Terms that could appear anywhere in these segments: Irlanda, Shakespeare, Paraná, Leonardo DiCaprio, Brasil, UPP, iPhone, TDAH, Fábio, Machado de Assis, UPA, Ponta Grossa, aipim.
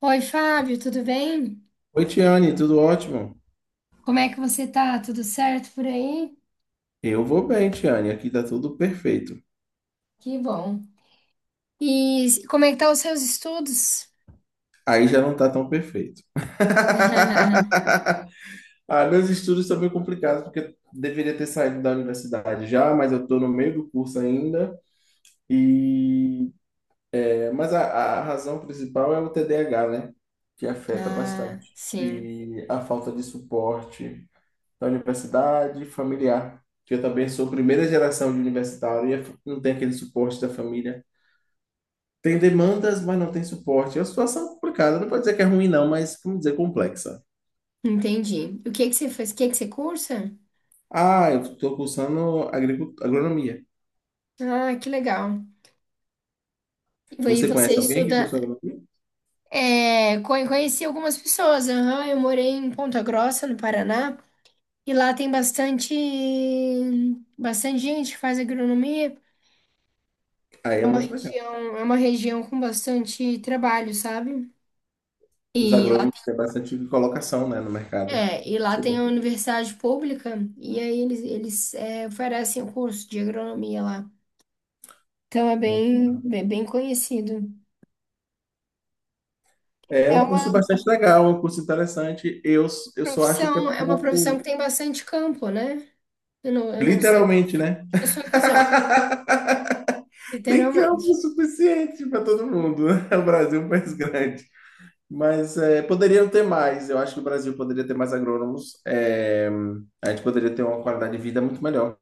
Oi, Fábio, tudo bem? Oi, Tiane, tudo ótimo? Como é que você tá? Tudo certo por aí? Eu vou bem, Tiane, aqui tá tudo perfeito. Que bom. E como é que tá os seus estudos? Aí já não tá tão perfeito. Ah, meus estudos estão meio complicados, porque eu deveria ter saído da universidade já, mas eu tô no meio do curso ainda. E... mas a razão principal é o TDAH, né? Que afeta Ah, bastante. sim, E a falta de suporte da universidade familiar. Que eu também sou primeira geração de universitário e não tem aquele suporte da família. Tem demandas, mas não tem suporte. É uma situação complicada. Não pode dizer que é ruim, não, mas vamos dizer complexa. entendi. O que que você faz? O que que você cursa? Ah, eu estou cursando agronomia. Ah, que legal. E aí Você você conhece alguém que estuda. cursou agronomia? Conheci algumas pessoas. Aham, eu morei em Ponta Grossa, no Paraná, e lá tem bastante, bastante gente que faz agronomia. Aí É é uma muito legal. região, é uma região com bastante trabalho, sabe? Os E lá, agrônomos têm bastante colocação, né, no mercado. e lá Isso é tem a bom. universidade pública, e aí eles oferecem o curso de agronomia lá. Então é Muito bem, bom. bem, bem conhecido. É É um uma curso bastante legal, é um curso interessante. Eu só acho que é é uma profissão pouco, que tem bastante campo, né? Eu não sei qual literalmente, né? é a sua visão, Tem campo literalmente. suficiente para todo mundo, né? O Brasil é um país grande. Mas é, poderiam ter mais. Eu acho que o Brasil poderia ter mais agrônomos. É, a gente poderia ter uma qualidade de vida muito melhor,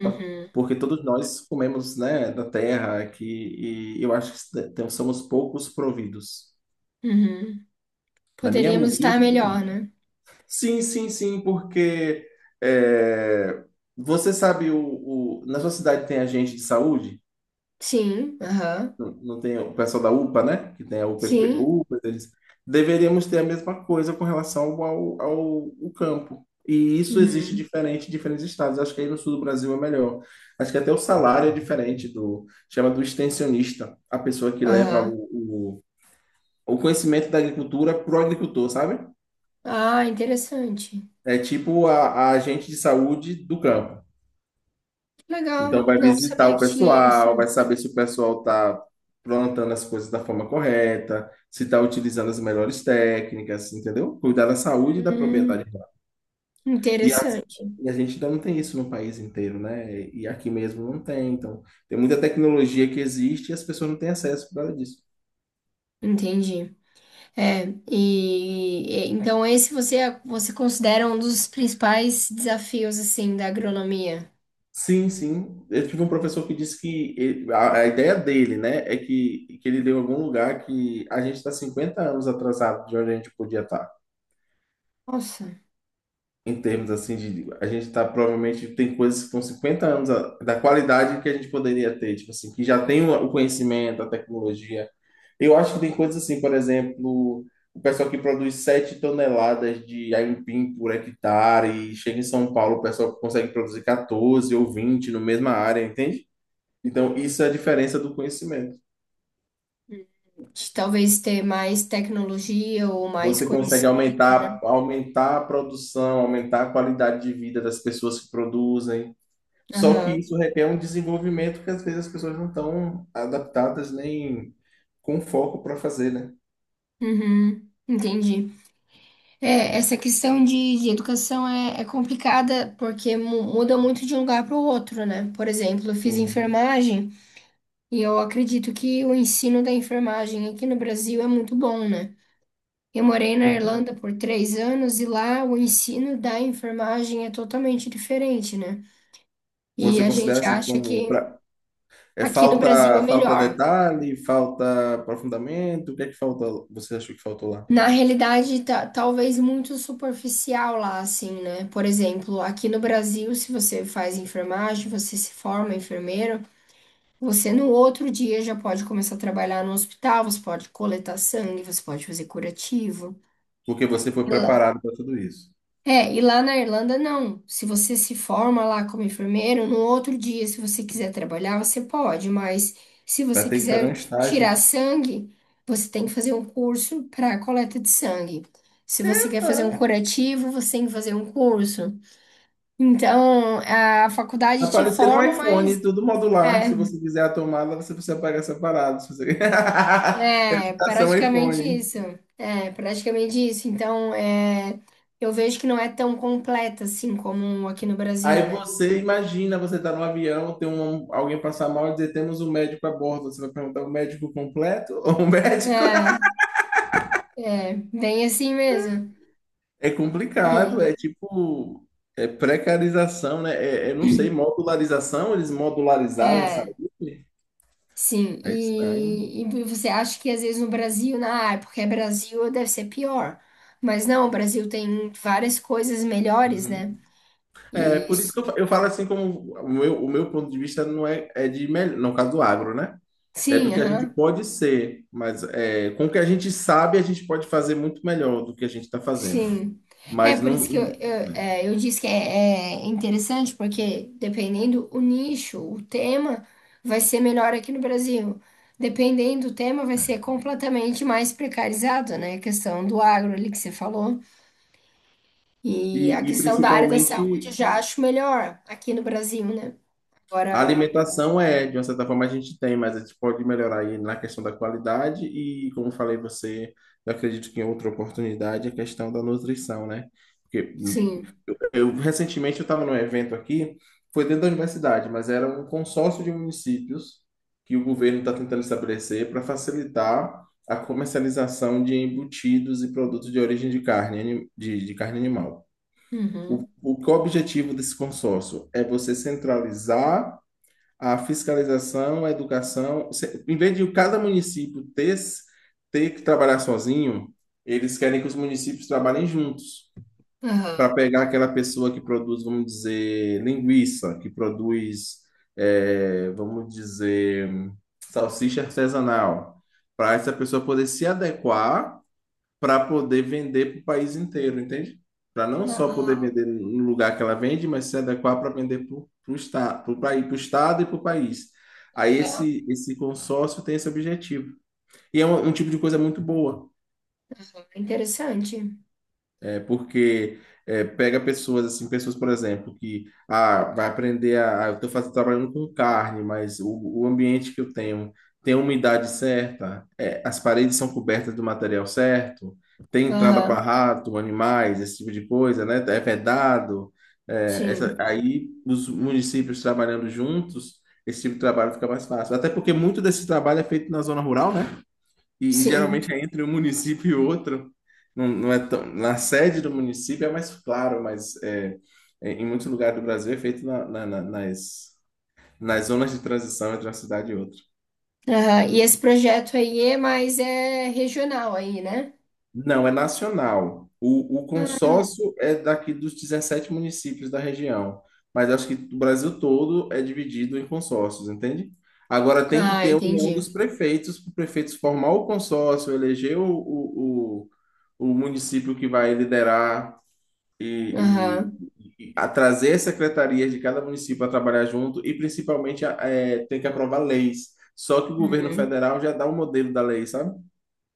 Uhum, porque todos nós comemos, né, da terra aqui, e eu acho que somos poucos providos. uhum. Na minha Poderíamos estar humilde opinião. melhor, né? Sim, sim, sim, porque é, você sabe, na sua cidade tem agente de saúde? Sim, aham. Não, não tem o pessoal da UPA, né? Que tem a UPP, Sim, UPA, eles deveríamos ter a mesma coisa com relação ao campo. E isso existe uhum, diferente em diferentes estados. Acho que aí no sul do Brasil é melhor. Acho que até o salário é diferente do, chama do extensionista, a pessoa que leva o, aham. o, o conhecimento da agricultura para o agricultor, sabe? Ah, interessante. É tipo a agente de saúde do campo. Legal. Então vai Não visitar sabia o que tinha isso. pessoal, vai saber se o pessoal está plantando as coisas da forma correta, se está utilizando as melhores técnicas, entendeu? Cuidar da saúde e da propriedade. Hum, E a, Interessante. e a gente ainda não tem isso no país inteiro, né? E aqui mesmo não tem. Então, tem muita tecnologia que existe e as pessoas não têm acesso por causa disso. Entendi. Então você considera um dos principais desafios assim da agronomia? Sim, sim. Eu tive um professor que disse que a ideia dele, né, é que ele deu algum lugar que a gente está 50 anos atrasado de onde a gente podia estar. Nossa, Em termos assim de a gente tá provavelmente tem coisas que estão 50 anos da qualidade que a gente poderia ter, tipo assim, que já tem o conhecimento, a tecnologia. Eu acho que tem coisas assim, por exemplo, o pessoal que produz 7 toneladas de aipim por hectare e chega em São Paulo, o pessoal consegue produzir 14 ou 20 na mesma área, entende? Então, isso é a diferença do conhecimento. de talvez ter mais tecnologia ou mais Você consegue conhecimento. aumentar, a produção, aumentar a qualidade de vida das pessoas que produzem. Só que Aham. isso requer um desenvolvimento que às vezes as pessoas não estão adaptadas nem com foco para fazer, né? Uhum. Entendi. Essa questão de educação é complicada porque muda muito de um lugar para o outro, né? Por exemplo, eu fiz Sim. enfermagem e eu acredito que o ensino da enfermagem aqui no Brasil é muito bom, né? Eu morei na Irlanda por 3 anos e lá o ensino da enfermagem é totalmente diferente, né? E Você a considera gente assim acha como que pra... é aqui no Brasil é falta melhor. detalhe, falta aprofundamento? O que é que falta? Você achou que faltou lá? Na realidade, tá, talvez muito superficial lá, assim, né? Por exemplo, aqui no Brasil, se você faz enfermagem, você se forma enfermeiro, você no outro dia já pode começar a trabalhar no hospital, você pode coletar sangue, você pode fazer curativo. Porque você foi preparado para tudo isso. E lá na Irlanda não. Se você se forma lá como enfermeiro, no outro dia, se você quiser trabalhar, você pode, mas se Vai você ter que fazer um quiser estágio. tirar sangue, você tem que fazer um curso para coleta de sangue. Se você quer fazer um curativo, você tem que fazer um curso. Então, a Vai faculdade te aparecer um forma, iPhone, mas tudo modular. Se você quiser a tomada, você precisa pagar separado. Se você... é, é Educação praticamente iPhone. isso. É, praticamente isso. Então, eu vejo que não é tão completa assim como aqui no Brasil, Aí né? você imagina, você tá no avião, alguém passar mal e dizer, temos um médico a bordo. Você vai perguntar o médico completo ou o médico? É. É, bem assim mesmo. É complicado, E, é tipo, é precarização, né? É, não sei, modularização, eles modularizaram a é, saúde? sim. É estranho. E você acha que às vezes no Brasil, é porque é Brasil, deve ser pior. Mas não, o Brasil tem várias coisas melhores, Uhum. né? É, E, por isso que eu falo assim como o meu ponto de vista não é de melhor, no caso do agro, né? É do sim, que a gente aham, pode ser, mas é, com o que a gente sabe, a gente pode fazer muito melhor do que a gente está fazendo. sim. É Mas por não. isso que né, eu disse que é interessante, porque dependendo o nicho, o tema, vai ser melhor aqui no Brasil. Dependendo do tema, vai ser é. completamente mais precarizado, né? A questão do agro ali que você falou. E a E questão da área da saúde principalmente já acho melhor aqui no Brasil, né? a Agora, alimentação é, de uma certa forma, a gente tem, mas a gente pode melhorar aí na questão da qualidade e, como falei você, eu acredito que em outra oportunidade, a questão da nutrição, né? Porque sim. eu recentemente eu estava num evento aqui, foi dentro da universidade, mas era um consórcio de municípios que o governo está tentando estabelecer para facilitar a comercialização de embutidos e produtos de origem de carne, de carne animal. O, Uhum. o que é o objetivo desse consórcio? É você centralizar a fiscalização, a educação. Em vez de cada município ter que trabalhar sozinho, eles querem que os municípios trabalhem juntos para Aham. pegar aquela pessoa que produz, vamos dizer, linguiça, que produz, vamos dizer, salsicha artesanal, para essa pessoa poder se adequar para poder vender para o país inteiro, entende? Para não Ah. só poder Ah, vender no lugar que ela vende, mas se adequar para vender para o estado, para o país, pro estado e para o país. Aí aham. esse consórcio tem esse objetivo. E é um tipo de coisa muito boa. Aham. Interessante. É, porque é, pega pessoas assim, pessoas, por exemplo, que vai aprender a, eu estou fazendo trabalhando com carne, mas o ambiente que eu tenho tem a umidade certa, é, as paredes são cobertas do material certo, tem entrada para Aham. rato, animais, esse tipo de coisa, né? É vedado. É, essa, Sim. aí os municípios trabalhando juntos, esse tipo de trabalho fica mais fácil. Até porque muito desse trabalho é feito na zona rural, né? E Sim. geralmente é entre um município e outro. Não, não é tão. Na sede do município é mais claro, mas em muitos lugares do Brasil é feito nas zonas de transição entre uma cidade e outra. Aham. E esse projeto aí é mais, é regional aí, né? Não, é nacional. O consórcio é daqui dos 17 municípios da região, mas acho que o Brasil todo é dividido em consórcios, entende? Agora tem que Ah, ter a união dos entendi. prefeitos, para o prefeito formar o consórcio, eleger o município que vai liderar e, Aham. e, a trazer as secretarias de cada município para trabalhar junto e principalmente tem que aprovar leis. Só que o governo Uhum. federal já dá um modelo da lei, sabe?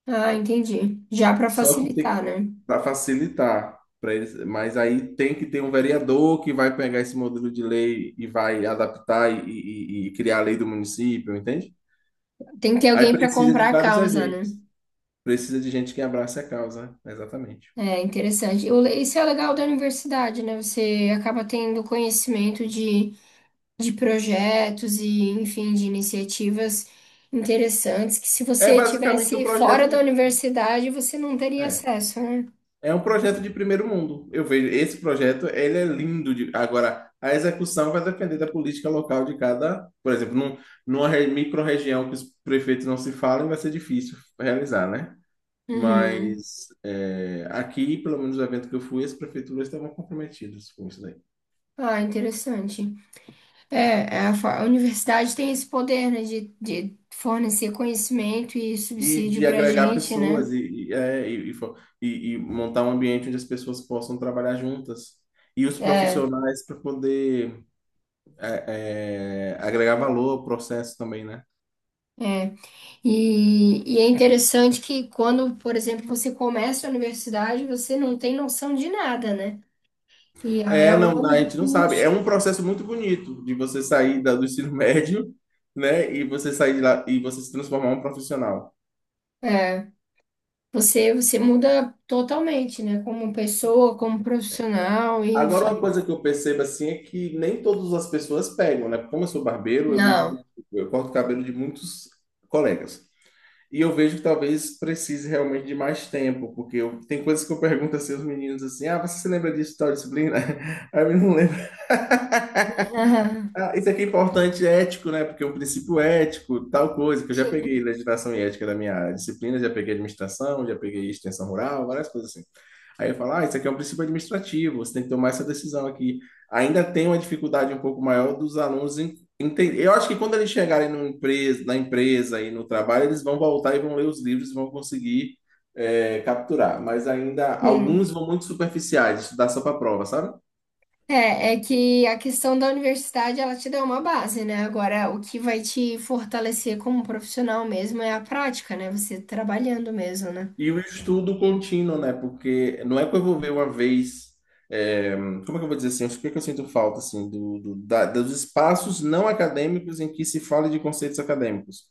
Ah, entendi. Já para Só que facilitar, tem né? para facilitar para eles, mas aí tem que ter um vereador que vai pegar esse modelo de lei e vai adaptar e criar a lei do município, entende? Tem que ter Aí alguém para precisa de comprar a vários causa, né? agentes, precisa de gente que abrace a causa, exatamente. É interessante. Isso é legal da universidade, né? Você acaba tendo conhecimento de projetos e, enfim, de iniciativas interessantes que se É você basicamente um tivesse projeto fora da de, universidade, você não teria é, acesso, né? É um projeto de primeiro mundo. Eu vejo esse projeto, ele é lindo. Agora, a execução vai depender da política local de cada, por exemplo, numa micro-região que os prefeitos não se falam, vai ser difícil realizar, né? Uhum. Mas é, aqui, pelo menos no evento que eu fui, as prefeituras estavam comprometidas com isso daí. Ah, interessante. É, a universidade tem esse poder, né, de fornecer conhecimento e E subsídio de pra agregar gente, né? pessoas e montar um ambiente onde as pessoas possam trabalhar juntas. E os É, profissionais para poder agregar valor ao processo também, né? é. E é interessante que quando, por exemplo, você começa a universidade, você não tem noção de nada, né? E aí, É, ao não, longo a do gente não sabe. É curso, um processo muito bonito de você sair do ensino médio, né? E você sair de lá e você se transformar em um profissional. é, você muda totalmente, né? Como pessoa, como profissional, e Agora, uma enfim. coisa que eu percebo assim é que nem todas as pessoas pegam, né? Como eu sou barbeiro, eu lido Não. com, eu corto o cabelo de muitos colegas. E eu vejo que talvez precise realmente de mais tempo, porque tem coisas que eu pergunto assim aos meninos assim: ah, você se lembra disso, tal disciplina? Aí eu não Ah, isso aqui é importante, é ético, né? Porque o princípio ético, tal coisa, que eu já Sim. peguei legislação e ética da minha disciplina, já peguei administração, já peguei extensão rural, várias coisas assim. Aí eu falo, ah, isso aqui é um princípio administrativo, você tem que tomar essa decisão aqui. Ainda tem uma dificuldade um pouco maior dos alunos em entender. Eu acho que quando eles chegarem numa empresa, na empresa e no trabalho, eles vão voltar e vão ler os livros e vão conseguir capturar. Mas ainda, alguns vão muito superficiais, estudar só para prova, sabe? É que a questão da universidade, ela te dá uma base, né? Agora, o que vai te fortalecer como profissional mesmo é a prática, né? Você trabalhando mesmo, né? E o estudo contínuo, né? Porque não é que eu vou ver uma vez. é, Como é que eu vou dizer assim? O que é que eu sinto falta, assim, dos espaços não acadêmicos em que se fala de conceitos acadêmicos.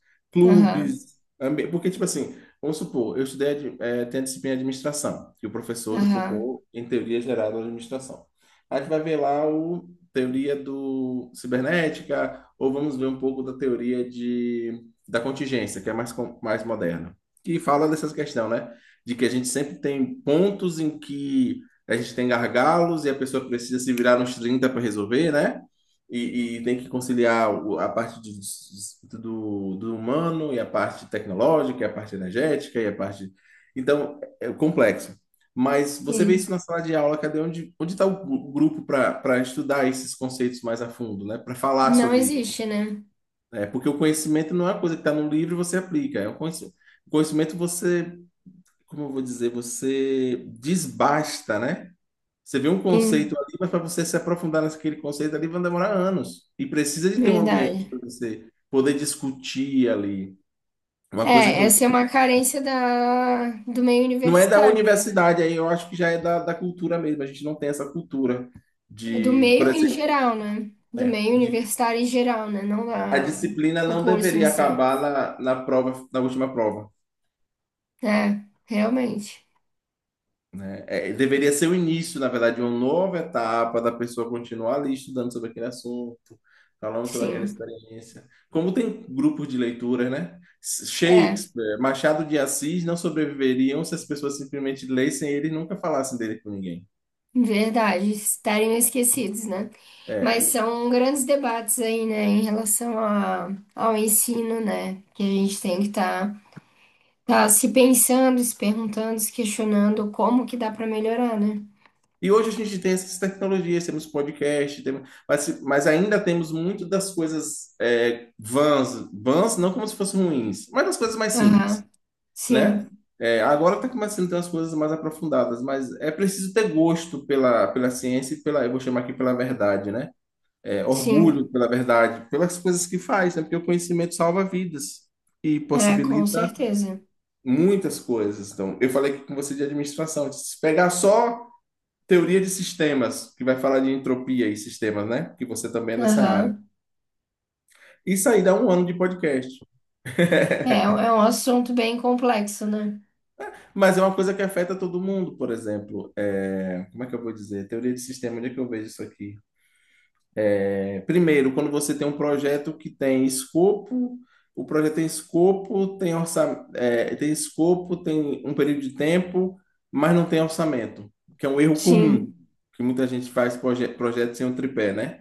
Aham, Clubes, porque, tipo assim, vamos supor, eu estudei, tem a disciplina de administração, que o professor ele aham. focou em teoria geral da administração. A gente vai ver lá o teoria do cibernética, ou vamos ver um pouco da teoria da contingência, que é mais moderna que fala dessas questões, né? De que a gente sempre tem pontos em que a gente tem gargalos e a pessoa precisa se virar nos 30 para resolver, né? E tem que conciliar a parte do humano e a parte tecnológica, e a parte energética e a parte. Então, é complexo. Mas você vê isso Sim. na sala de aula, cadê onde está o grupo para estudar esses conceitos mais a fundo, né? Para falar Não sobre isso, existe, né? né? Porque o conhecimento não é uma coisa que está no livro e você aplica, é um conhecimento. O conhecimento, você, como eu vou dizer, você desbasta, né? Você vê um Hum, conceito ali, mas para você se aprofundar naquele conceito ali, vai demorar anos. E precisa de ter um ambiente Verdade. para você poder discutir ali. Uma coisa que eu. Essa é uma carência do meio Não é da universitário mesmo. universidade, aí eu acho que já é da cultura mesmo. A gente não tem essa cultura Do por meio em exemplo, geral, né? Do é, meio de- universitário em geral, né? Não a da, disciplina do não curso em deveria si. acabar na prova, na última prova. É, realmente. Né? Deveria ser o início, na verdade, de uma nova etapa da pessoa continuar ali estudando sobre aquele assunto, falando sobre aquela Sim. experiência. Como tem grupos de leituras, né? É, Shakespeare, Machado de Assis não sobreviveriam se as pessoas simplesmente lessem ele e nunca falassem dele com ninguém. verdade. Estarem esquecidos, né? Mas É. são grandes debates aí, né? Em relação ao ensino, né? Que a gente tem que estar tá se pensando, se perguntando, se questionando como que dá para melhorar, né? E hoje a gente tem essas tecnologias, temos podcast, temos, mas, se- mas ainda temos muito das coisas vãs, vãs não como se fossem ruins, mas das coisas mais simples. Aham, Né? sim, Agora está começando a ter umas coisas mais aprofundadas, mas é preciso ter gosto pela ciência e eu vou chamar aqui pela verdade, né? Sim, Orgulho pela verdade, pelas coisas que faz, né? Porque o conhecimento salva vidas e com possibilita certeza. muitas coisas. Então, eu falei aqui com você de administração, se pegar só teoria de sistemas, que vai falar de entropia e sistemas, né? Que você também é dessa área. Aham. Isso aí dá um ano de podcast. É, é um assunto bem complexo, né? Mas é uma coisa que afeta todo mundo, por exemplo. Como é que eu vou dizer? Teoria de sistema, onde é que eu vejo isso aqui? Primeiro, quando você tem um projeto que tem escopo, o projeto tem escopo, tem orçamento, tem escopo, tem um período de tempo, mas não tem orçamento, que é um erro comum, Sim, que muita gente faz projeto sem um tripé, né?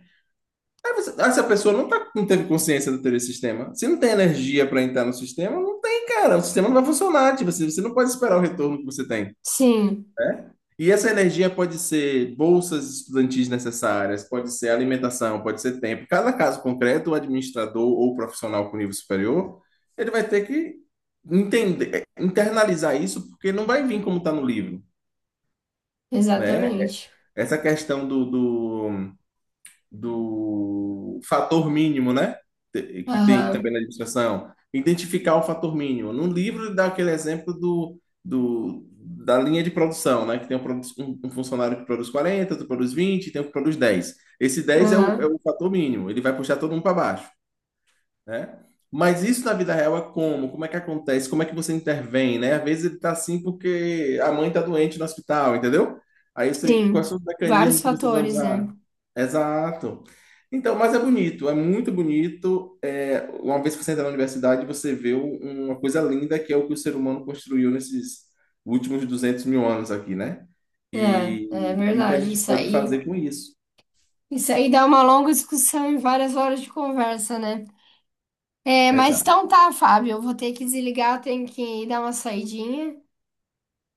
Aí essa pessoa não, tá, não teve consciência da teoria de sistema. Se não tem energia para entrar no sistema, não tem, cara. O sistema não vai funcionar. Tipo, assim, você não pode esperar o retorno que você tem, sim, né? E essa energia pode ser bolsas estudantis necessárias, pode ser alimentação, pode ser tempo. Cada caso concreto, o administrador ou profissional com nível superior, ele vai ter que entender, internalizar isso, porque não vai vir como está no livro, né? exatamente. Essa questão do fator mínimo, né? Que tem também Aham, na administração. Identificar o fator mínimo. No livro ele dá aquele exemplo do, da linha de produção, né? Que tem um funcionário que produz 40, outro produz 20, tem um que produz 10. Esse 10 é o, é aham, o fator mínimo, ele vai puxar todo mundo para baixo, né? Mas isso na vida real é como? Como é que acontece? Como é que você intervém, né? Às vezes ele tá assim porque a mãe tá doente no hospital, entendeu? Aí você, quais sim, são os vários mecanismos que você vai fatores, né? usar? Exato. Então, mas é bonito, é muito bonito. Uma vez que você entra na universidade, você vê uma coisa linda que é o que o ser humano construiu nesses últimos 200 mil anos aqui, né? E, É e o que a verdade, gente pode fazer com isso. isso aí dá uma longa discussão e várias horas de conversa, né? É, mas Exato. então tá, Fábio, eu vou ter que desligar, eu tenho que dar uma saidinha.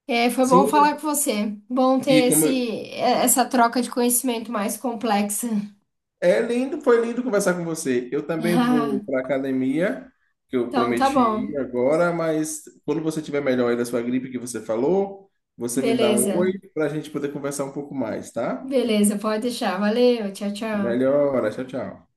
É, foi Sim, bom falar com você. Bom ter e como, essa troca de conhecimento mais complexa. é lindo, foi lindo conversar com você. Eu também Ah, vou para academia, que eu então tá prometi bom. ir agora, mas quando você tiver melhor aí da sua gripe que você falou, você me dá um oi Beleza. para a gente poder conversar um pouco mais, tá? Beleza, pode deixar. Valeu, tchau, tchau. Melhora, tchau, tchau.